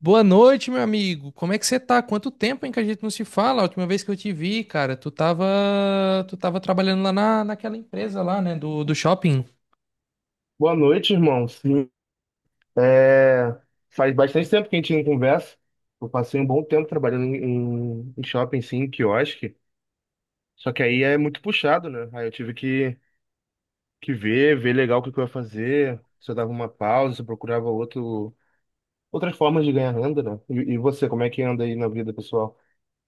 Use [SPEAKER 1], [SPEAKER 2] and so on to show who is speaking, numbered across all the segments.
[SPEAKER 1] Boa noite, meu amigo. Como é que você tá? Quanto tempo, hein, que a gente não se fala? A última vez que eu te vi, cara, tu tava trabalhando lá naquela empresa lá, né, do shopping.
[SPEAKER 2] Boa noite, irmão. Sim, é, faz bastante tempo que a gente não conversa. Eu passei um bom tempo trabalhando em shopping, sim, em quiosque. Só que aí é muito puxado, né? Aí eu tive que ver legal o que que eu ia fazer. Se eu dava uma pausa, se eu procurava outras formas de ganhar renda, né? E você, como é que anda aí na vida pessoal?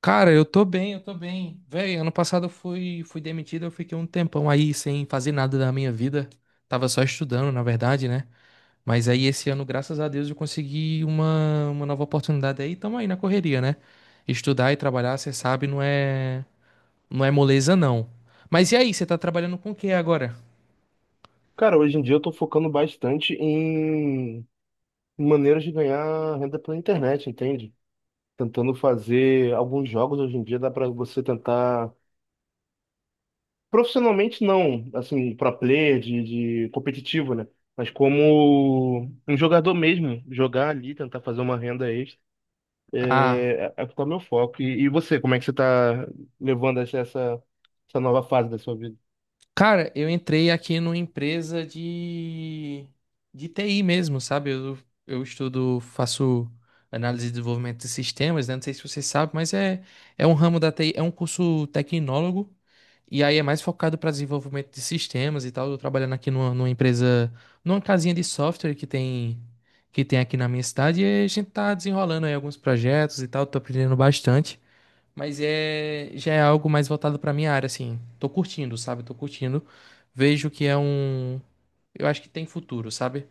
[SPEAKER 1] Cara, eu tô bem. Véi, ano passado eu fui demitido, eu fiquei um tempão aí sem fazer nada da minha vida. Tava só estudando, na verdade, né? Mas aí esse ano, graças a Deus, eu consegui uma nova oportunidade aí, tamo aí na correria, né? Estudar e trabalhar, você sabe, não é. Não é moleza, não. Mas e aí, você tá trabalhando com o que agora?
[SPEAKER 2] Cara, hoje em dia eu tô focando bastante em maneiras de ganhar renda pela internet, entende? Tentando fazer alguns jogos hoje em dia, dá pra você tentar profissionalmente não, assim, pro player de competitivo, né? Mas como um jogador mesmo, jogar ali, tentar fazer uma renda extra,
[SPEAKER 1] Ah,
[SPEAKER 2] é o tá meu foco. E você, como é que você tá levando essa nova fase da sua vida?
[SPEAKER 1] cara, eu entrei aqui numa empresa de TI mesmo, sabe? Eu estudo, faço análise de desenvolvimento de sistemas, né? Não sei se você sabe, mas é um ramo da TI, é um curso tecnólogo, e aí é mais focado para desenvolvimento de sistemas e tal. Eu tô trabalhando aqui numa empresa, numa casinha de software que tem aqui na minha cidade, e a gente tá desenrolando aí alguns projetos e tal, tô aprendendo bastante. Mas é, já é algo mais voltado pra minha área, assim. Tô curtindo, sabe? Tô curtindo. Vejo que é um. Eu acho que tem futuro, sabe?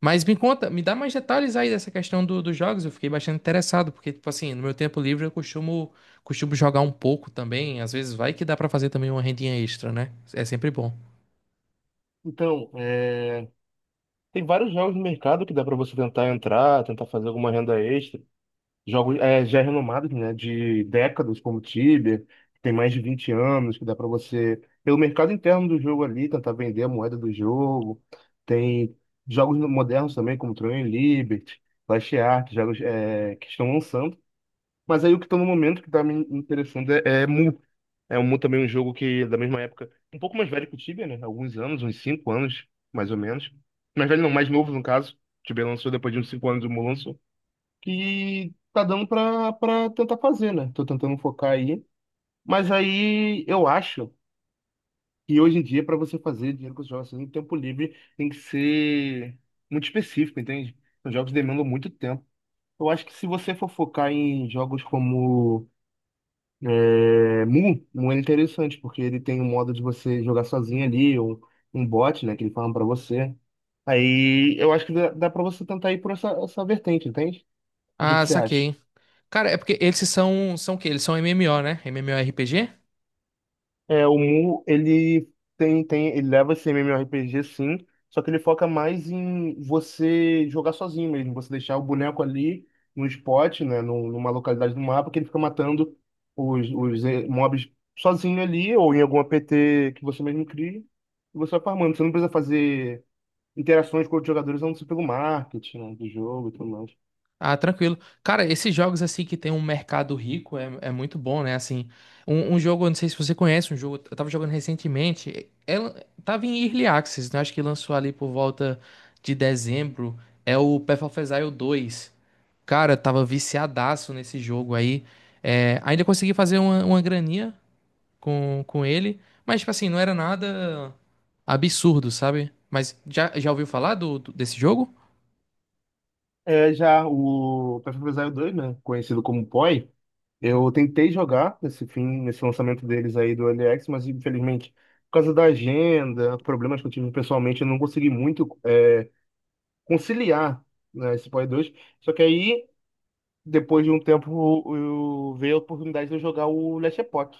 [SPEAKER 1] Mas me conta, me dá mais detalhes aí dessa questão dos jogos. Eu fiquei bastante interessado, porque, tipo assim, no meu tempo livre eu costumo jogar um pouco também. Às vezes vai que dá pra fazer também uma rendinha extra, né? É sempre bom.
[SPEAKER 2] Então, é, tem vários jogos no mercado que dá para você tentar entrar, tentar fazer alguma renda extra. Jogos é, já renomados, né? De décadas, como Tibia, que tem mais de 20 anos, que dá para você, pelo mercado interno do jogo ali, tentar vender a moeda do jogo. Tem jogos modernos também, como Tron e Liberty, Last Ark, jogos é, que estão lançando. Mas aí o que está no momento que está me interessando é Mu. É, o Mu também é um jogo que, da mesma época, um pouco mais velho que o Tibia, né? Alguns anos, uns 5 anos, mais ou menos. Mais velho não, mais novo no caso. O Tibia lançou depois de uns 5 anos, o Mu lançou que tá dando pra tentar fazer, né? Tô tentando focar aí. Mas aí eu acho que hoje em dia, pra você fazer dinheiro com os jogos assim, no tempo livre, tem que ser muito específico, entende? Os jogos demandam muito tempo. Eu acho que se você for focar em jogos como é, Mu é interessante, porque ele tem um modo de você jogar sozinho ali, ou um bot, né, que ele fala pra você. Aí eu acho que dá pra você tentar ir por essa vertente, entende? O que que
[SPEAKER 1] Ah,
[SPEAKER 2] você acha?
[SPEAKER 1] saquei. Cara, é porque eles são o quê? Eles são MMO, né? MMORPG?
[SPEAKER 2] É, o Mu, ele tem, ele leva esse MMORPG sim, só que ele foca mais em você jogar sozinho mesmo, você deixar o boneco ali no spot, né, numa localidade do mapa, que ele fica matando os mobs sozinho ali, ou em algum APT que você mesmo cria, e você vai farmando. Você não precisa fazer interações com outros jogadores, a não ser pelo marketing, né, do jogo e tudo mais.
[SPEAKER 1] Ah, tranquilo. Cara, esses jogos assim que tem um mercado rico é muito bom, né? Assim, um jogo, eu não sei se você conhece, um jogo, eu tava jogando recentemente, ela tava em Early Access, né? Acho que lançou ali por volta de dezembro, é o Path of Exile 2. Cara, eu tava viciadaço nesse jogo aí. É, ainda consegui fazer uma graninha com ele, mas tipo assim, não era nada absurdo, sabe? Mas já ouviu falar desse jogo?
[SPEAKER 2] É, já o Path of Exile 2, né, conhecido como PoE, eu tentei jogar nesse fim, nesse lançamento deles aí do LX, mas infelizmente, por causa da agenda, problemas que eu tive pessoalmente, eu não consegui muito é, conciliar, né, esse Play 2. Só que aí, depois de um tempo, eu veio a oportunidade de eu jogar o Last Epoch.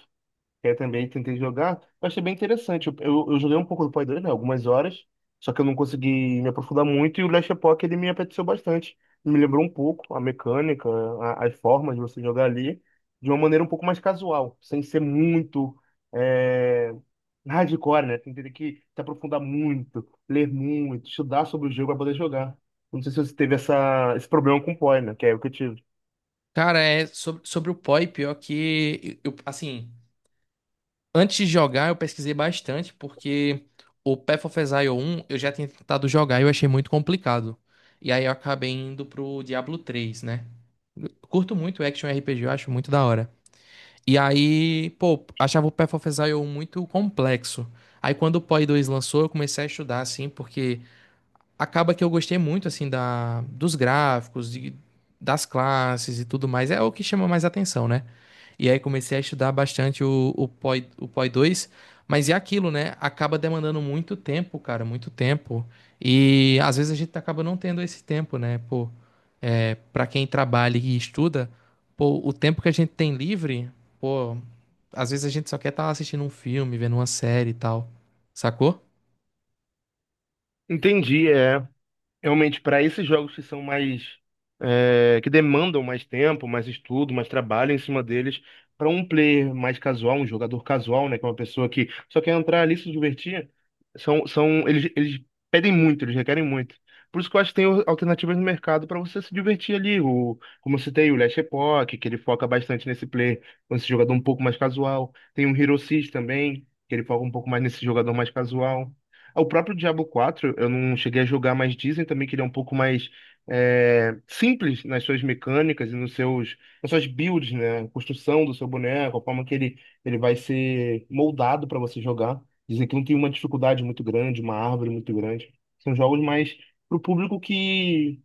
[SPEAKER 2] Eu também tentei jogar, eu achei bem interessante. Eu joguei um pouco do Play 2, né, algumas horas, só que eu não consegui me aprofundar muito e o Last Epoch ele me apeteceu bastante. Me lembrou um pouco a mecânica, as formas de você jogar ali, de uma maneira um pouco mais casual, sem ser muito é, hardcore, né? Tem que ter que se aprofundar muito, ler muito, estudar sobre o jogo para poder jogar. Não sei se você teve esse problema com o Poi, né? Que é o que eu tive.
[SPEAKER 1] Cara, é sobre o POI, pior que eu, assim, antes de jogar eu pesquisei bastante, porque o Path of Exile 1 eu já tinha tentado jogar e eu achei muito complicado. E aí eu acabei indo pro Diablo 3, né? Eu curto muito action RPG, eu acho muito da hora. E aí, pô, achava o Path of Exile 1 muito complexo. Aí quando o POI 2 lançou, eu comecei a estudar, assim, porque acaba que eu gostei muito assim da dos gráficos, das classes e tudo mais. É o que chama mais atenção, né? E aí comecei a estudar bastante o POI, o POI 2, mas é aquilo, né? Acaba demandando muito tempo, cara, muito tempo. E às vezes a gente acaba não tendo esse tempo, né? Pô, é, para quem trabalha e estuda, pô, o tempo que a gente tem livre, pô, às vezes a gente só quer estar assistindo um filme, vendo uma série e tal. Sacou?
[SPEAKER 2] Entendi, é. Realmente, para esses jogos que são mais, é, que demandam mais tempo, mais estudo, mais trabalho em cima deles, para um player mais casual, um jogador casual, né? Que é uma pessoa que só quer entrar ali e se divertir, são, eles pedem muito, eles requerem muito. Por isso que eu acho que tem alternativas no mercado para você se divertir ali. O, como eu citei, o Last Epoch, que ele foca bastante nesse player, nesse jogador um pouco mais casual. Tem o Hero Six também, que ele foca um pouco mais nesse jogador mais casual. É, o próprio Diablo 4, eu não cheguei a jogar, mas dizem também que ele é um pouco mais é, simples nas suas mecânicas e nos nas suas builds, né? A construção do seu boneco, a forma que ele vai ser moldado para você jogar. Dizem que não tem uma dificuldade muito grande, uma árvore muito grande. São jogos mais pro público que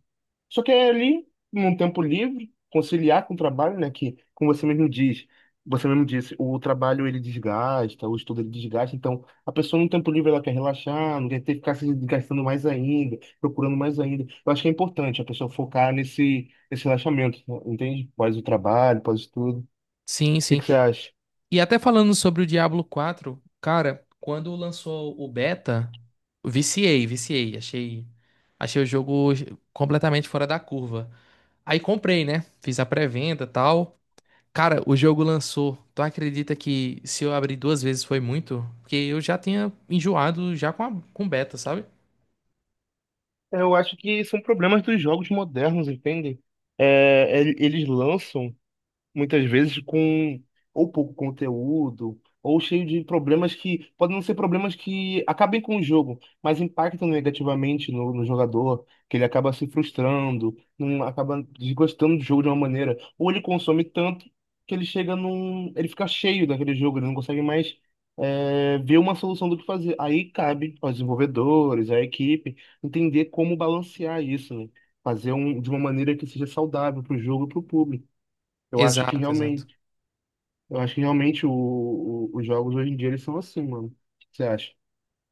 [SPEAKER 2] só que é ali, num tempo livre, conciliar com o trabalho, né? Que, como você mesmo diz, você mesmo disse, o trabalho ele desgasta, o estudo ele desgasta. Então, a pessoa no tempo livre ela quer relaxar, não quer ter que ficar se desgastando mais ainda, procurando mais ainda. Eu acho que é importante a pessoa focar nesse relaxamento, né, entende? Pós o trabalho, pós o estudo. O
[SPEAKER 1] Sim,
[SPEAKER 2] que
[SPEAKER 1] sim.
[SPEAKER 2] que você acha?
[SPEAKER 1] E até falando sobre o Diablo 4, cara, quando lançou o beta, viciei, achei o jogo completamente fora da curva. Aí comprei, né? Fiz a pré-venda, e tal. Cara, o jogo lançou. Tu acredita que se eu abrir duas vezes foi muito? Porque eu já tinha enjoado já com com beta, sabe?
[SPEAKER 2] Eu acho que são problemas dos jogos modernos, entende? É, eles lançam muitas vezes com ou pouco conteúdo, ou cheio de problemas que podem não ser problemas que acabem com o jogo, mas impactam negativamente no jogador, que ele acaba se frustrando, não acaba desgostando do jogo de uma maneira, ou ele consome tanto que ele chega num, ele fica cheio daquele jogo, ele não consegue mais é, ver uma solução do que fazer. Aí cabe aos desenvolvedores, à equipe, entender como balancear isso, né? Fazer um, de uma maneira que seja saudável para o jogo e para o público. Eu acho que
[SPEAKER 1] Exato, exato.
[SPEAKER 2] realmente, eu acho que realmente os jogos hoje em dia eles são assim, mano. O que você acha?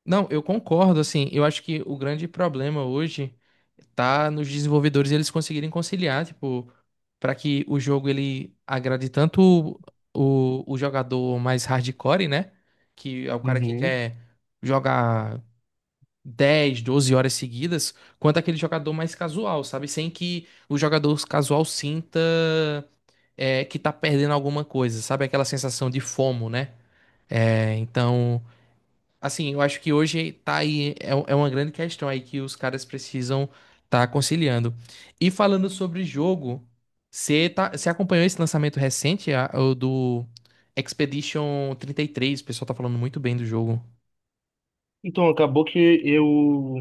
[SPEAKER 1] Não, eu concordo, assim, eu acho que o grande problema hoje tá nos desenvolvedores eles conseguirem conciliar, tipo, para que o jogo ele agrade tanto o jogador mais hardcore, né? Que é o cara que
[SPEAKER 2] Uhum.
[SPEAKER 1] quer jogar 10, 12 horas seguidas, quanto aquele jogador mais casual, sabe? Sem que o jogador casual sinta é, que tá perdendo alguma coisa, sabe? Aquela sensação de FOMO, né? É, então. Assim, eu acho que hoje tá aí, é, um, é uma grande questão aí que os caras precisam tá conciliando. E falando sobre jogo, você tá, você acompanhou esse lançamento recente, o do Expedition 33. O pessoal tá falando muito bem do jogo.
[SPEAKER 2] Então, acabou que eu,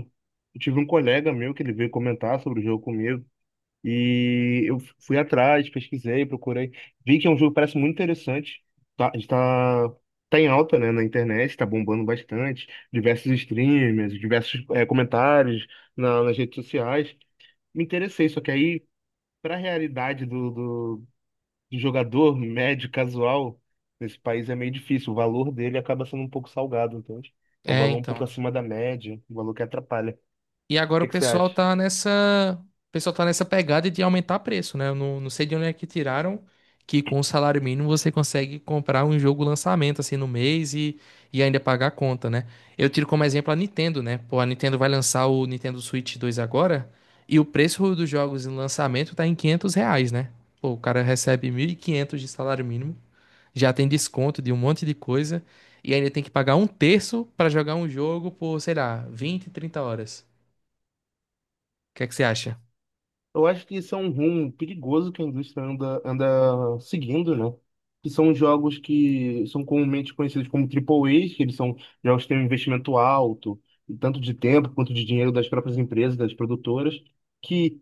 [SPEAKER 2] eu tive um colega meu que ele veio comentar sobre o jogo comigo. E eu fui atrás, pesquisei, procurei. Vi que é um jogo que parece muito interessante. Tá, está, tá tá em alta, né, na internet, está bombando bastante. Diversos streamers, diversos comentários nas redes sociais. Me interessei, só que aí, para a realidade do jogador médio, casual, nesse país é meio difícil. O valor dele acaba sendo um pouco salgado, entende? É um
[SPEAKER 1] É,
[SPEAKER 2] valor um
[SPEAKER 1] então.
[SPEAKER 2] pouco acima da média, um valor que atrapalha. O
[SPEAKER 1] E agora o
[SPEAKER 2] que que você
[SPEAKER 1] pessoal
[SPEAKER 2] acha?
[SPEAKER 1] tá nessa, o pessoal tá nessa pegada de aumentar preço, né? Eu não sei de onde é que tiraram que com o salário mínimo você consegue comprar um jogo lançamento assim no mês e ainda pagar a conta, né? Eu tiro como exemplo a Nintendo, né? Pô, a Nintendo vai lançar o Nintendo Switch dois agora e o preço dos jogos em lançamento tá em R$ 500, né? Pô, o cara recebe 1.500 de salário mínimo, já tem desconto de um monte de coisa e ainda tem que pagar um terço pra jogar um jogo por, sei lá, 20, 30 horas. O que é que você acha?
[SPEAKER 2] Eu acho que isso é um rumo perigoso que a indústria anda seguindo, né? Que são jogos que são comumente conhecidos como AAAs, que eles são jogos que têm um investimento alto, tanto de tempo quanto de dinheiro das próprias empresas, das produtoras, que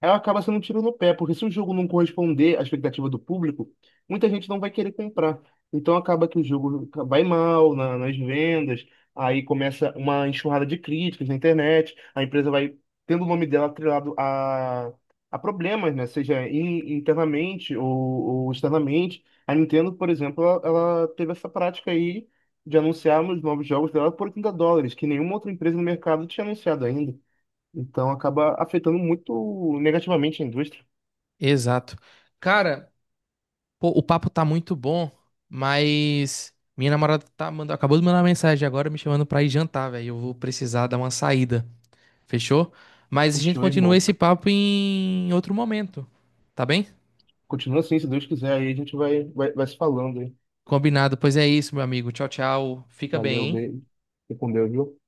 [SPEAKER 2] ela acaba sendo um tiro no pé, porque se o jogo não corresponder à expectativa do público, muita gente não vai querer comprar. Então acaba que o jogo vai mal nas vendas, aí começa uma enxurrada de críticas na internet, a empresa vai tendo o nome dela atrelado a problemas, né? Seja internamente ou externamente. A Nintendo, por exemplo, ela teve essa prática aí de anunciar os novos jogos dela por 30 dólares, que nenhuma outra empresa no mercado tinha anunciado ainda. Então acaba afetando muito negativamente a indústria.
[SPEAKER 1] Exato. Cara, pô, o papo tá muito bom, mas minha namorada tá mandando, acabou de mandar uma mensagem agora me chamando pra ir jantar, velho. Eu vou precisar dar uma saída. Fechou? Mas a gente
[SPEAKER 2] Continua,
[SPEAKER 1] continua
[SPEAKER 2] irmão.
[SPEAKER 1] esse papo em outro momento. Tá bem?
[SPEAKER 2] Continua assim, se Deus quiser, aí a gente vai se falando, hein?
[SPEAKER 1] Combinado. Pois é isso, meu amigo. Tchau, tchau. Fica bem,
[SPEAKER 2] Valeu,
[SPEAKER 1] hein?
[SPEAKER 2] beijo. Fique com Deus, viu?